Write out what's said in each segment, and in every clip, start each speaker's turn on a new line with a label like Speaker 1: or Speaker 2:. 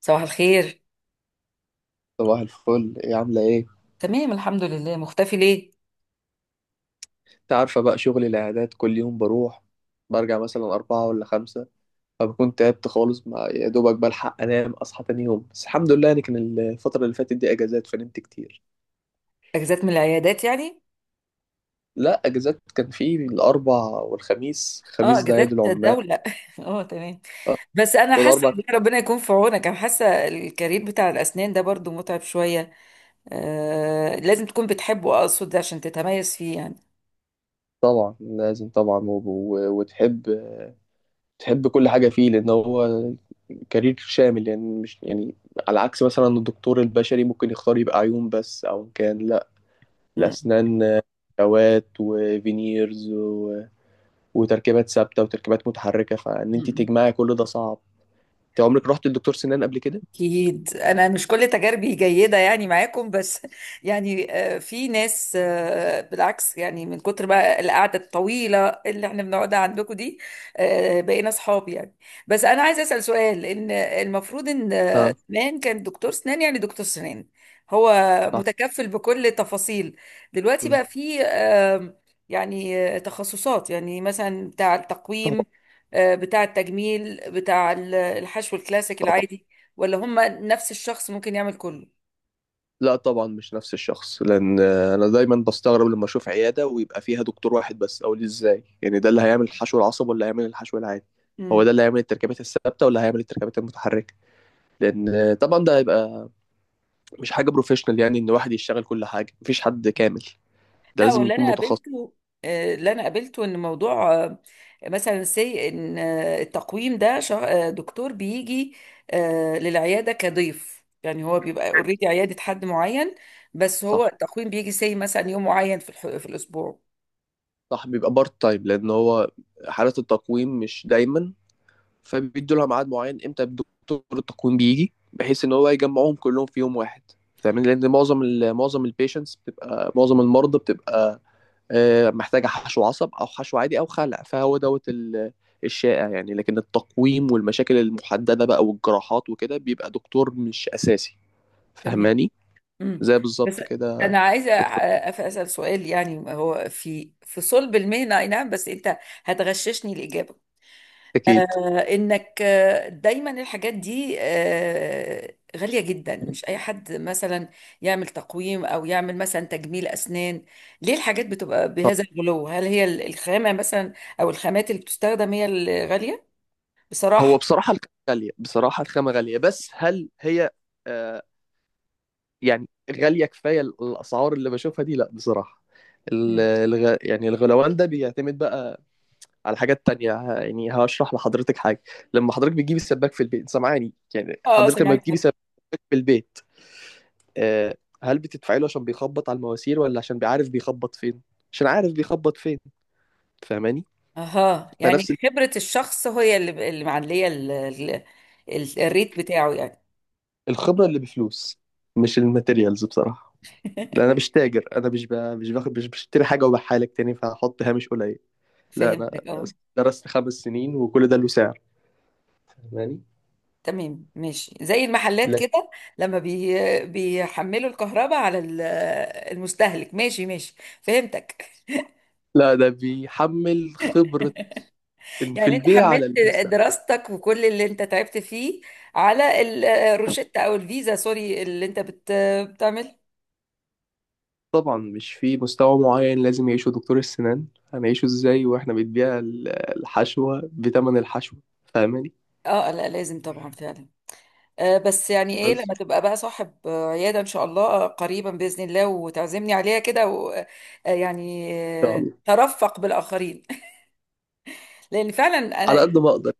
Speaker 1: صباح الخير.
Speaker 2: صباح الفل، ايه؟ عاملة ايه؟
Speaker 1: تمام، الحمد لله. مختفي ليه؟
Speaker 2: انت عارفة بقى شغل الإعداد كل يوم بروح برجع مثلا أربعة ولا خمسة. فبكون تعبت خالص، مع يا دوبك بلحق أنام أصحى تاني يوم، بس الحمد لله يعني كان الفترة اللي فاتت دي أجازات فنمت كتير.
Speaker 1: اجازات من العيادات يعني؟
Speaker 2: لا، أجازات كان في الأربع والخميس،
Speaker 1: اه،
Speaker 2: الخميس ده عيد
Speaker 1: اجازات
Speaker 2: العمال.
Speaker 1: دولة اه، تمام.
Speaker 2: آه،
Speaker 1: بس انا حاسه
Speaker 2: والأربع كان-
Speaker 1: إن ربنا يكون في عونك. انا حاسه الكارير بتاع الاسنان ده برضو متعب شويه. آه، لازم تكون بتحبه، اقصد عشان تتميز فيه يعني.
Speaker 2: طبعا لازم طبعا، وتحب كل حاجة فيه، لأن هو كارير شامل يعني، مش يعني على عكس مثلا الدكتور البشري ممكن يختار يبقى عيون بس، أو كان لا،
Speaker 1: م-
Speaker 2: الأسنان، أدوات وفينيرز وتركيبات ثابتة وتركيبات متحركة، فإن أنت
Speaker 1: م.
Speaker 2: تجمعي كل ده صعب. أنت عمرك رحت لدكتور سنان قبل كده؟
Speaker 1: أكيد أنا مش كل تجاربي جيدة يعني معاكم، بس يعني في ناس بالعكس، يعني من كتر بقى القعدة الطويلة اللي احنا بنقعدها عندكم دي بقينا أصحاب يعني. بس أنا عايزة أسأل سؤال، إن المفروض إن
Speaker 2: اه.
Speaker 1: زمان كان دكتور سنان، يعني دكتور سنان هو
Speaker 2: صح.
Speaker 1: متكفل بكل تفاصيل. دلوقتي
Speaker 2: مم.
Speaker 1: بقى في يعني تخصصات، يعني مثلا بتاع التقويم،
Speaker 2: طبعا.
Speaker 1: بتاع التجميل، بتاع الحشو الكلاسيك
Speaker 2: طبعا.
Speaker 1: العادي، ولا هم نفس الشخص ممكن يعمل كله؟
Speaker 2: لا طبعا مش نفس الشخص، لأن أنا دايما بستغرب لما أشوف عيادة ويبقى فيها دكتور واحد بس، أقول إزاي؟ يعني ده اللي هيعمل الحشو العصب ولا هيعمل الحشو العادي؟ هو
Speaker 1: امم
Speaker 2: ده اللي هيعمل التركيبات الثابتة ولا هيعمل التركيبات المتحركة؟ لأن طبعا ده هيبقى مش حاجة بروفيشنال، يعني إن واحد يشتغل كل حاجة مفيش حد كامل، ده
Speaker 1: لا،
Speaker 2: لازم
Speaker 1: واللي
Speaker 2: يكون
Speaker 1: انا
Speaker 2: متخصص.
Speaker 1: قابلته آه، اللي انا قابلته ان موضوع مثلا سي ان التقويم ده دكتور بيجي للعياده كضيف، يعني هو بيبقى اوريدي عياده حد معين. بس هو
Speaker 2: صح.
Speaker 1: التقويم بيجي سي مثلا يوم معين في الاسبوع.
Speaker 2: صح بيبقى بارت تايم، لان هو حالة التقويم مش دايما، فبيدوا لها ميعاد معين امتى دكتور التقويم بيجي بحيث ان هو يجمعهم كلهم في يوم واحد، فاهمين. لان معظم ال معظم البيشنتس بتبقى، معظم المرضى بتبقى محتاجة حشو عصب او حشو عادي او خلع، فهو دوت الشائع يعني. لكن التقويم والمشاكل المحددة بقى والجراحات وكده بيبقى دكتور مش اساسي،
Speaker 1: تمام.
Speaker 2: فاهماني.
Speaker 1: امم.
Speaker 2: زي
Speaker 1: بس
Speaker 2: بالظبط كده.
Speaker 1: انا عايزه
Speaker 2: دكتور.
Speaker 1: اسال سؤال، يعني هو في صلب المهنه، اي نعم، بس انت هتغششني الاجابه.
Speaker 2: اكيد.
Speaker 1: انك دايما الحاجات دي غالية جدا. مش اي حد مثلا يعمل تقويم او يعمل مثلا تجميل اسنان. ليه الحاجات بتبقى بهذا الغلو؟ هل هي الخامة مثلا او الخامات اللي بتستخدم هي الغالية،
Speaker 2: هو
Speaker 1: بصراحة؟
Speaker 2: بصراحة الخامة غالية، بصراحة الخامة غالية، بس هل هي آه يعني غالية كفاية؟ الأسعار اللي بشوفها دي لا بصراحة،
Speaker 1: مم.
Speaker 2: يعني الغلوان ده بيعتمد بقى على حاجات تانية. يعني هشرح لحضرتك حاجة. لما حضرتك بتجيبي السباك في البيت، سامعاني؟ يعني
Speaker 1: اه،
Speaker 2: حضرتك لما
Speaker 1: سمعت
Speaker 2: بتجيبي
Speaker 1: حد.
Speaker 2: سباك في البيت، آه، هل بتدفعي له عشان بيخبط على المواسير ولا عشان بيعرف بيخبط فين؟ عشان عارف بيخبط فين، فاهماني.
Speaker 1: اها، يعني
Speaker 2: فنفس
Speaker 1: خبرة الشخص هي اللي معلية الريت بتاعه يعني.
Speaker 2: الخبرة اللي بفلوس، مش الماتيريالز بصراحة. لا انا مش تاجر، انا مش ب... مش باخد مش بشتري حاجه وببيعها لك تاني فهحط هامش قليل. لا، انا
Speaker 1: فهمتك، اه.
Speaker 2: درست 5 سنين وكل ده له سعر، فاهماني.
Speaker 1: تمام، ماشي، زي المحلات
Speaker 2: لكن
Speaker 1: كده، لما بيحملوا الكهرباء على المستهلك. ماشي ماشي، فهمتك.
Speaker 2: لا، ده بيحمل خبره، إن في
Speaker 1: يعني انت
Speaker 2: البيع على
Speaker 1: حملت
Speaker 2: المستقبل.
Speaker 1: دراستك وكل اللي انت تعبت فيه على الروشتة او الفيزا، سوري، اللي انت بتعمل.
Speaker 2: طبعا مش في مستوى معين لازم يعيشه دكتور السنان، هنعيشه ازاي واحنا بنبيع الحشوه بثمن الحشوه؟ فاهماني.
Speaker 1: اه، لا، لازم طبعا فعلا. بس يعني ايه
Speaker 2: بس
Speaker 1: لما تبقى بقى صاحب عيادة ان شاء الله، قريبا بإذن الله، وتعزمني عليها كده و... آه، يعني
Speaker 2: ان شاء الله،
Speaker 1: ترفق بالآخرين لأن فعلا
Speaker 2: على
Speaker 1: أنا
Speaker 2: قد ما اقدر.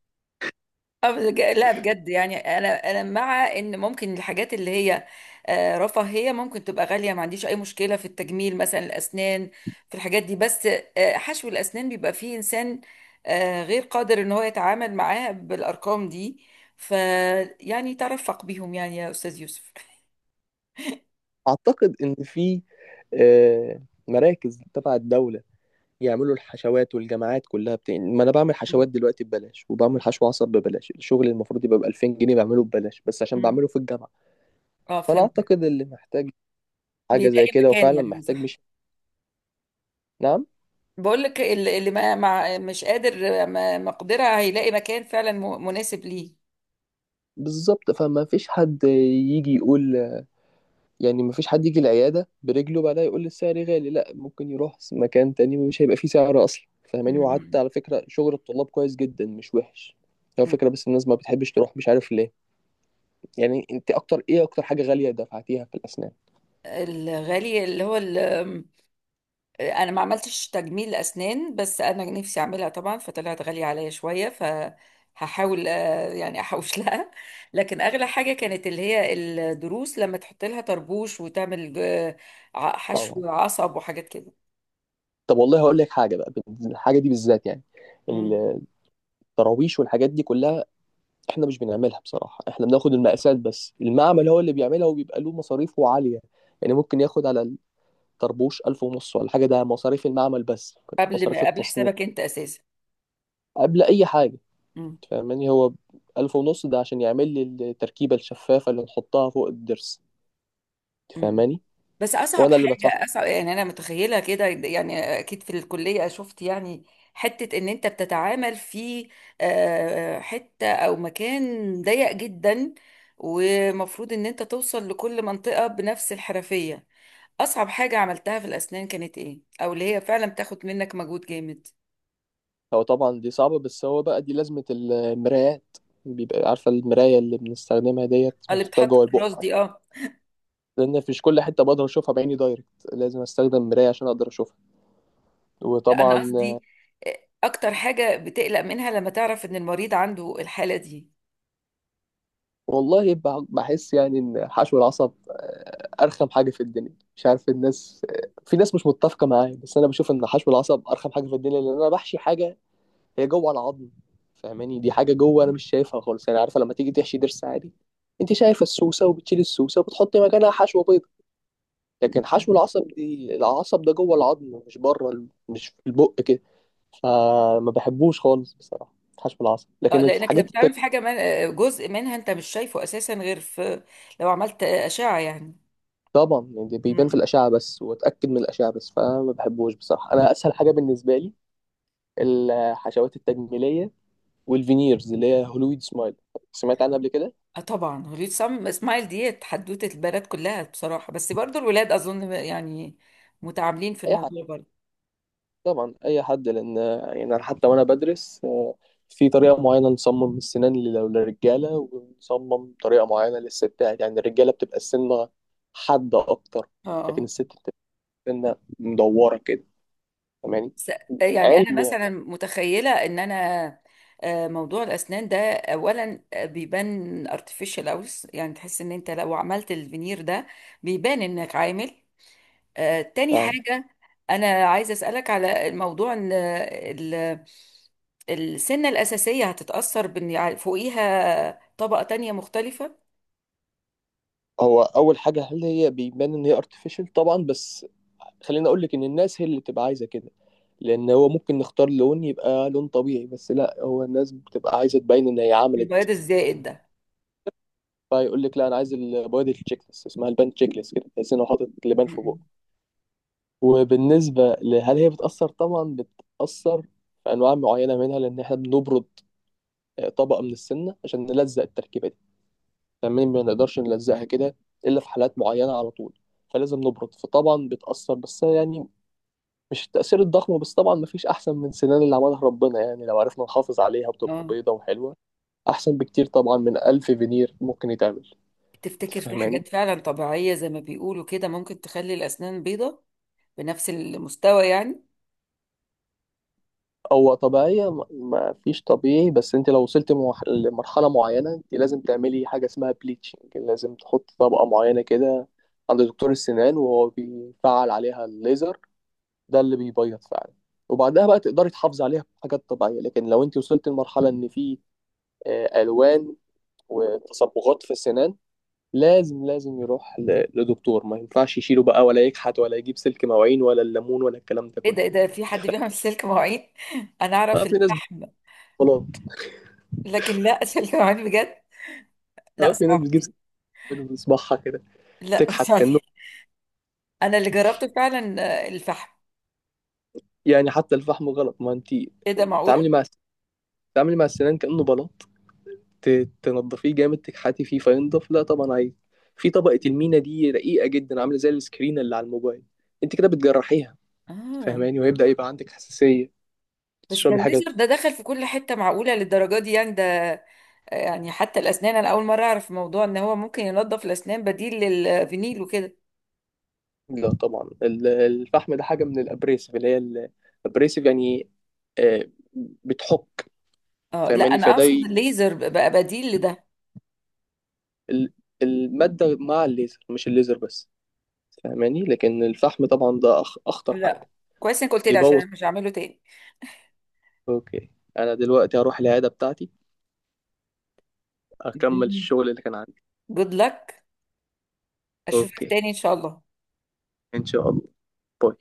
Speaker 1: لا بجد، يعني انا مع ان ممكن الحاجات اللي هي رفاهيه ممكن تبقى غاليه، ما عنديش اي مشكله في التجميل مثلا، الاسنان في الحاجات دي، بس حشو الاسنان بيبقى فيه انسان غير قادر ان هو يتعامل معاه بالارقام دي. ف يعني ترفق بيهم يعني، يا استاذ يوسف.
Speaker 2: اعتقد ان في آه، مراكز تبع الدوله يعملوا الحشوات، والجامعات كلها ما انا بعمل حشوات
Speaker 1: مم.
Speaker 2: دلوقتي ببلاش، وبعمل حشو عصب ببلاش، الشغل اللي المفروض يبقى ب 2000 جنيه بعمله ببلاش بس عشان
Speaker 1: مم.
Speaker 2: بعمله في الجامعه.
Speaker 1: اه،
Speaker 2: فانا
Speaker 1: فهمت.
Speaker 2: اعتقد اللي محتاج حاجه زي
Speaker 1: بيلاقي
Speaker 2: كده
Speaker 1: مكان
Speaker 2: وفعلا
Speaker 1: يعني،
Speaker 2: محتاج،
Speaker 1: صح.
Speaker 2: مش. نعم.
Speaker 1: بقول لك اللي ما مع مش قادر ما مقدرة هيلاقي مكان فعلا مناسب ليه.
Speaker 2: بالظبط، فما فيش حد يجي يقول، يعني ما فيش حد يجي العياده برجله بعدها يقول السعر غالي، لا ممكن يروح مكان تاني مش هيبقى فيه سعر اصلا، فاهماني. وقعدت على فكره شغل الطلاب كويس جدا مش وحش، هو
Speaker 1: مم.
Speaker 2: فكره، بس الناس ما بتحبش تروح مش عارف ليه. يعني انت اكتر ايه، اكتر حاجه غاليه دفعتيها في الاسنان؟
Speaker 1: الغالي اللي هو انا ما عملتش تجميل اسنان، بس انا نفسي اعملها طبعا، فطلعت غالية عليا شوية، فهحاول يعني احوش لها. لكن اغلى حاجة كانت اللي هي الضروس، لما تحط لها طربوش وتعمل
Speaker 2: طبعا.
Speaker 1: حشو عصب وحاجات كده.
Speaker 2: طب والله هقول لك حاجة بقى، الحاجة دي بالذات، يعني
Speaker 1: مم.
Speaker 2: التراويش والحاجات دي كلها احنا مش بنعملها بصراحة، احنا بناخد المقاسات بس، المعمل هو اللي بيعملها وبيبقى له مصاريفه عالية. يعني ممكن ياخد على الطربوش 1500 ولا حاجة، ده مصاريف المعمل بس،
Speaker 1: قبل
Speaker 2: مصاريف
Speaker 1: ما قبل
Speaker 2: التصنيع
Speaker 1: حسابك انت اساسا.
Speaker 2: قبل أي حاجة، تفهماني؟ هو 1500 ده عشان يعمل لي التركيبة الشفافة اللي نحطها فوق الضرس،
Speaker 1: مم.
Speaker 2: تفهماني؟
Speaker 1: بس اصعب
Speaker 2: وأنا اللي بدفعها.
Speaker 1: حاجه اصعب، يعني انا متخيله كده، يعني اكيد في الكليه شفت يعني، حته ان انت بتتعامل في حته او مكان ضيق جدا، ومفروض ان انت توصل لكل منطقه بنفس الحرفيه. اصعب حاجه عملتها في الاسنان كانت ايه؟ او اللي هي فعلا بتاخد منك مجهود جامد.
Speaker 2: هو طبعا دي صعبة، بس هو بقى دي لازمة المرايات. بيبقى عارفة المراية اللي بنستخدمها ديت
Speaker 1: اللي
Speaker 2: ونحطها
Speaker 1: بتحط
Speaker 2: جوه
Speaker 1: في الراس
Speaker 2: البق
Speaker 1: دي،
Speaker 2: عشان،
Speaker 1: اه.
Speaker 2: لأن مش كل حتة بقدر أشوفها بعيني دايركت، لازم أستخدم مراية عشان أقدر أشوفها،
Speaker 1: لا،
Speaker 2: وطبعا.
Speaker 1: انا قصدي آه، اكتر حاجه بتقلق منها لما تعرف ان المريض عنده الحاله دي.
Speaker 2: والله بحس يعني إن حشو العصب أرخم حاجة في الدنيا، مش عارف، الناس في ناس مش متفقة معايا، بس أنا بشوف إن حشو العصب أرخم حاجة في الدنيا، لأن أنا بحشي حاجة هي جوه العظم، فاهماني، دي حاجه جوه انا مش شايفها خالص. يعني عارفه لما تيجي تحشي ضرس عادي انت شايفه السوسه وبتشيل السوسه وبتحطي مكانها حشوه بيض، لكن حشو العصب دي العصب ده جوه العظم، مش بره مش في البق كده، فما بحبوش خالص بصراحه حشو العصب.
Speaker 1: اه،
Speaker 2: لكن
Speaker 1: لانك لما
Speaker 2: الحاجات
Speaker 1: بتعمل في
Speaker 2: التانية
Speaker 1: حاجه من جزء منها انت مش شايفه اساسا غير في، لو عملت اشعه يعني.
Speaker 2: طبعا، يعني دي بيبان في
Speaker 1: مم.
Speaker 2: الاشعه بس، واتاكد من الاشعه بس، فما بحبوش بصراحه. انا اسهل حاجه بالنسبه لي الحشوات التجميليه والفينيرز اللي هي هولويد سمايل، سمعت عنها قبل كده؟
Speaker 1: اه، طبعا هوليود سم اسماعيل ديت حدوته البنات كلها بصراحه، بس برضو الولاد اظن يعني متعاملين في
Speaker 2: اي
Speaker 1: الموضوع برضو.
Speaker 2: طبعا، اي حد، لان يعني أنا حتى وانا بدرس في طريقه معينه نصمم السنان للرجاله ونصمم طريقه معينه للستات. يعني الرجاله بتبقى السنه حاده اكتر،
Speaker 1: اه،
Speaker 2: لكن
Speaker 1: اه،
Speaker 2: الست بتبقى السنه مدوره كده، فاهماني،
Speaker 1: س- يعني
Speaker 2: علم
Speaker 1: انا
Speaker 2: يعني.
Speaker 1: مثلا متخيله ان انا موضوع الاسنان ده اولا بيبان ارتفيشال اوس، يعني تحس ان انت لو عملت الفينير ده بيبان انك عامل تاني
Speaker 2: فعلا.
Speaker 1: حاجة. أنا عايزة أسألك على موضوع إن السنة الأساسية هتتأثر بإن فوقيها طبقة تانية مختلفة.
Speaker 2: هو اول حاجه هل هي بيبان ان هي ارتفيشال؟ طبعا. بس خليني اقول لك ان الناس هي اللي بتبقى عايزه كده، لان هو ممكن نختار لون يبقى لون طبيعي، بس لا، هو الناس بتبقى عايزه تبين ان هي عملت،
Speaker 1: البياض الزائد ده.
Speaker 2: فيقول لك لا انا عايز البوادي تشيك ليست، اسمها البان تشيك ليست، كده تحس انه حاطط لبان في
Speaker 1: م-م.
Speaker 2: بقه. وبالنسبه لهل هي بتاثر، طبعا بتاثر في انواع معينه منها، لان احنا بنبرد طبقه من السمنه عشان نلزق التركيبه دي تمام، ما نقدرش نلزقها كده الا في حالات معينه على طول، فلازم نبرد، فطبعا بتاثر، بس يعني مش التأثير الضخم. بس طبعا مفيش أحسن من سنان اللي عملها ربنا، يعني لو عرفنا نحافظ عليها بتبقى
Speaker 1: اه،
Speaker 2: بيضة وحلوة، أحسن بكتير طبعا من ألف فينير ممكن يتعمل، أنت
Speaker 1: تفتكر في
Speaker 2: فاهماني؟
Speaker 1: حاجات فعلا طبيعية زي ما بيقولوا كده ممكن تخلي الأسنان بيضة؟ بنفس المستوى يعني.
Speaker 2: هو طبيعية، ما فيش طبيعي، بس انت لو وصلت لمرحلة معينة، انت لازم تعملي حاجة اسمها بليتشنج، لازم تحط طبقة معينة كده عند دكتور السنان وهو بيفعل عليها الليزر، ده اللي بيبيض فعلا، وبعدها بقى تقدري تحافظي عليها بحاجات طبيعية. لكن لو انت وصلت لمرحلة ان في ألوان وتصبغات في السنان، لازم لازم يروح لدكتور، ما ينفعش يشيله بقى، ولا يكحت، ولا يجيب سلك مواعين ولا الليمون ولا الكلام ده
Speaker 1: ايه
Speaker 2: كله.
Speaker 1: ده، ايه ده، في حد بيعمل سلك مواعين؟ انا
Speaker 2: اه
Speaker 1: اعرف
Speaker 2: في ناس بتجيب
Speaker 1: الفحم.
Speaker 2: بلاط.
Speaker 1: لكن لا، سلك مواعين بجد.
Speaker 2: اه
Speaker 1: لا،
Speaker 2: في ناس
Speaker 1: صعبة
Speaker 2: بتجيب سلك
Speaker 1: دي.
Speaker 2: مواعين في صباعها كده
Speaker 1: لا
Speaker 2: تكحت
Speaker 1: صعبة
Speaker 2: كأنه،
Speaker 1: دي. انا اللي جربته فعلا الفحم.
Speaker 2: يعني حتى الفحم غلط، ما انت
Speaker 1: ايه ده، معقولة؟
Speaker 2: تعاملي مع، تعاملي مع السنان كأنه بلاط، تنضفيه جامد تكحتي فيه فينضف، لا طبعا عادي في طبقة المينا دي رقيقة جدا، عاملة زي السكرين اللي على الموبايل، انت كده بتجرحيها،
Speaker 1: اه،
Speaker 2: فاهماني، وهيبدأ يبقى عندك حساسية
Speaker 1: بس ده
Speaker 2: تشربي حاجة.
Speaker 1: الليزر ده دخل في كل حتة، معقولة للدرجة دي يعني ده، يعني حتى الأسنان أنا أول مرة أعرف موضوع إن هو ممكن ينظف الأسنان بديل للفينيل وكده.
Speaker 2: لا طبعا الفحم ده حاجة من الأبريسيف، اللي هي الأبريسيف يعني آه، بتحك،
Speaker 1: اه، لا،
Speaker 2: فاهماني.
Speaker 1: أنا
Speaker 2: فده
Speaker 1: أقصد الليزر بقى بديل لده.
Speaker 2: ال- المادة مع الليزر مش الليزر بس، فاهماني. لكن الفحم طبعا ده أخطر حاجة،
Speaker 1: لا، كويس إنك قلت لي عشان
Speaker 2: يبوظ.
Speaker 1: أنا مش هعمله تاني.
Speaker 2: اوكي، انا دلوقتي هروح العياده بتاعتي اكمل الشغل اللي كان عندي.
Speaker 1: جود لك، أشوفك
Speaker 2: اوكي،
Speaker 1: تاني إن شاء الله.
Speaker 2: ان شاء الله. باي.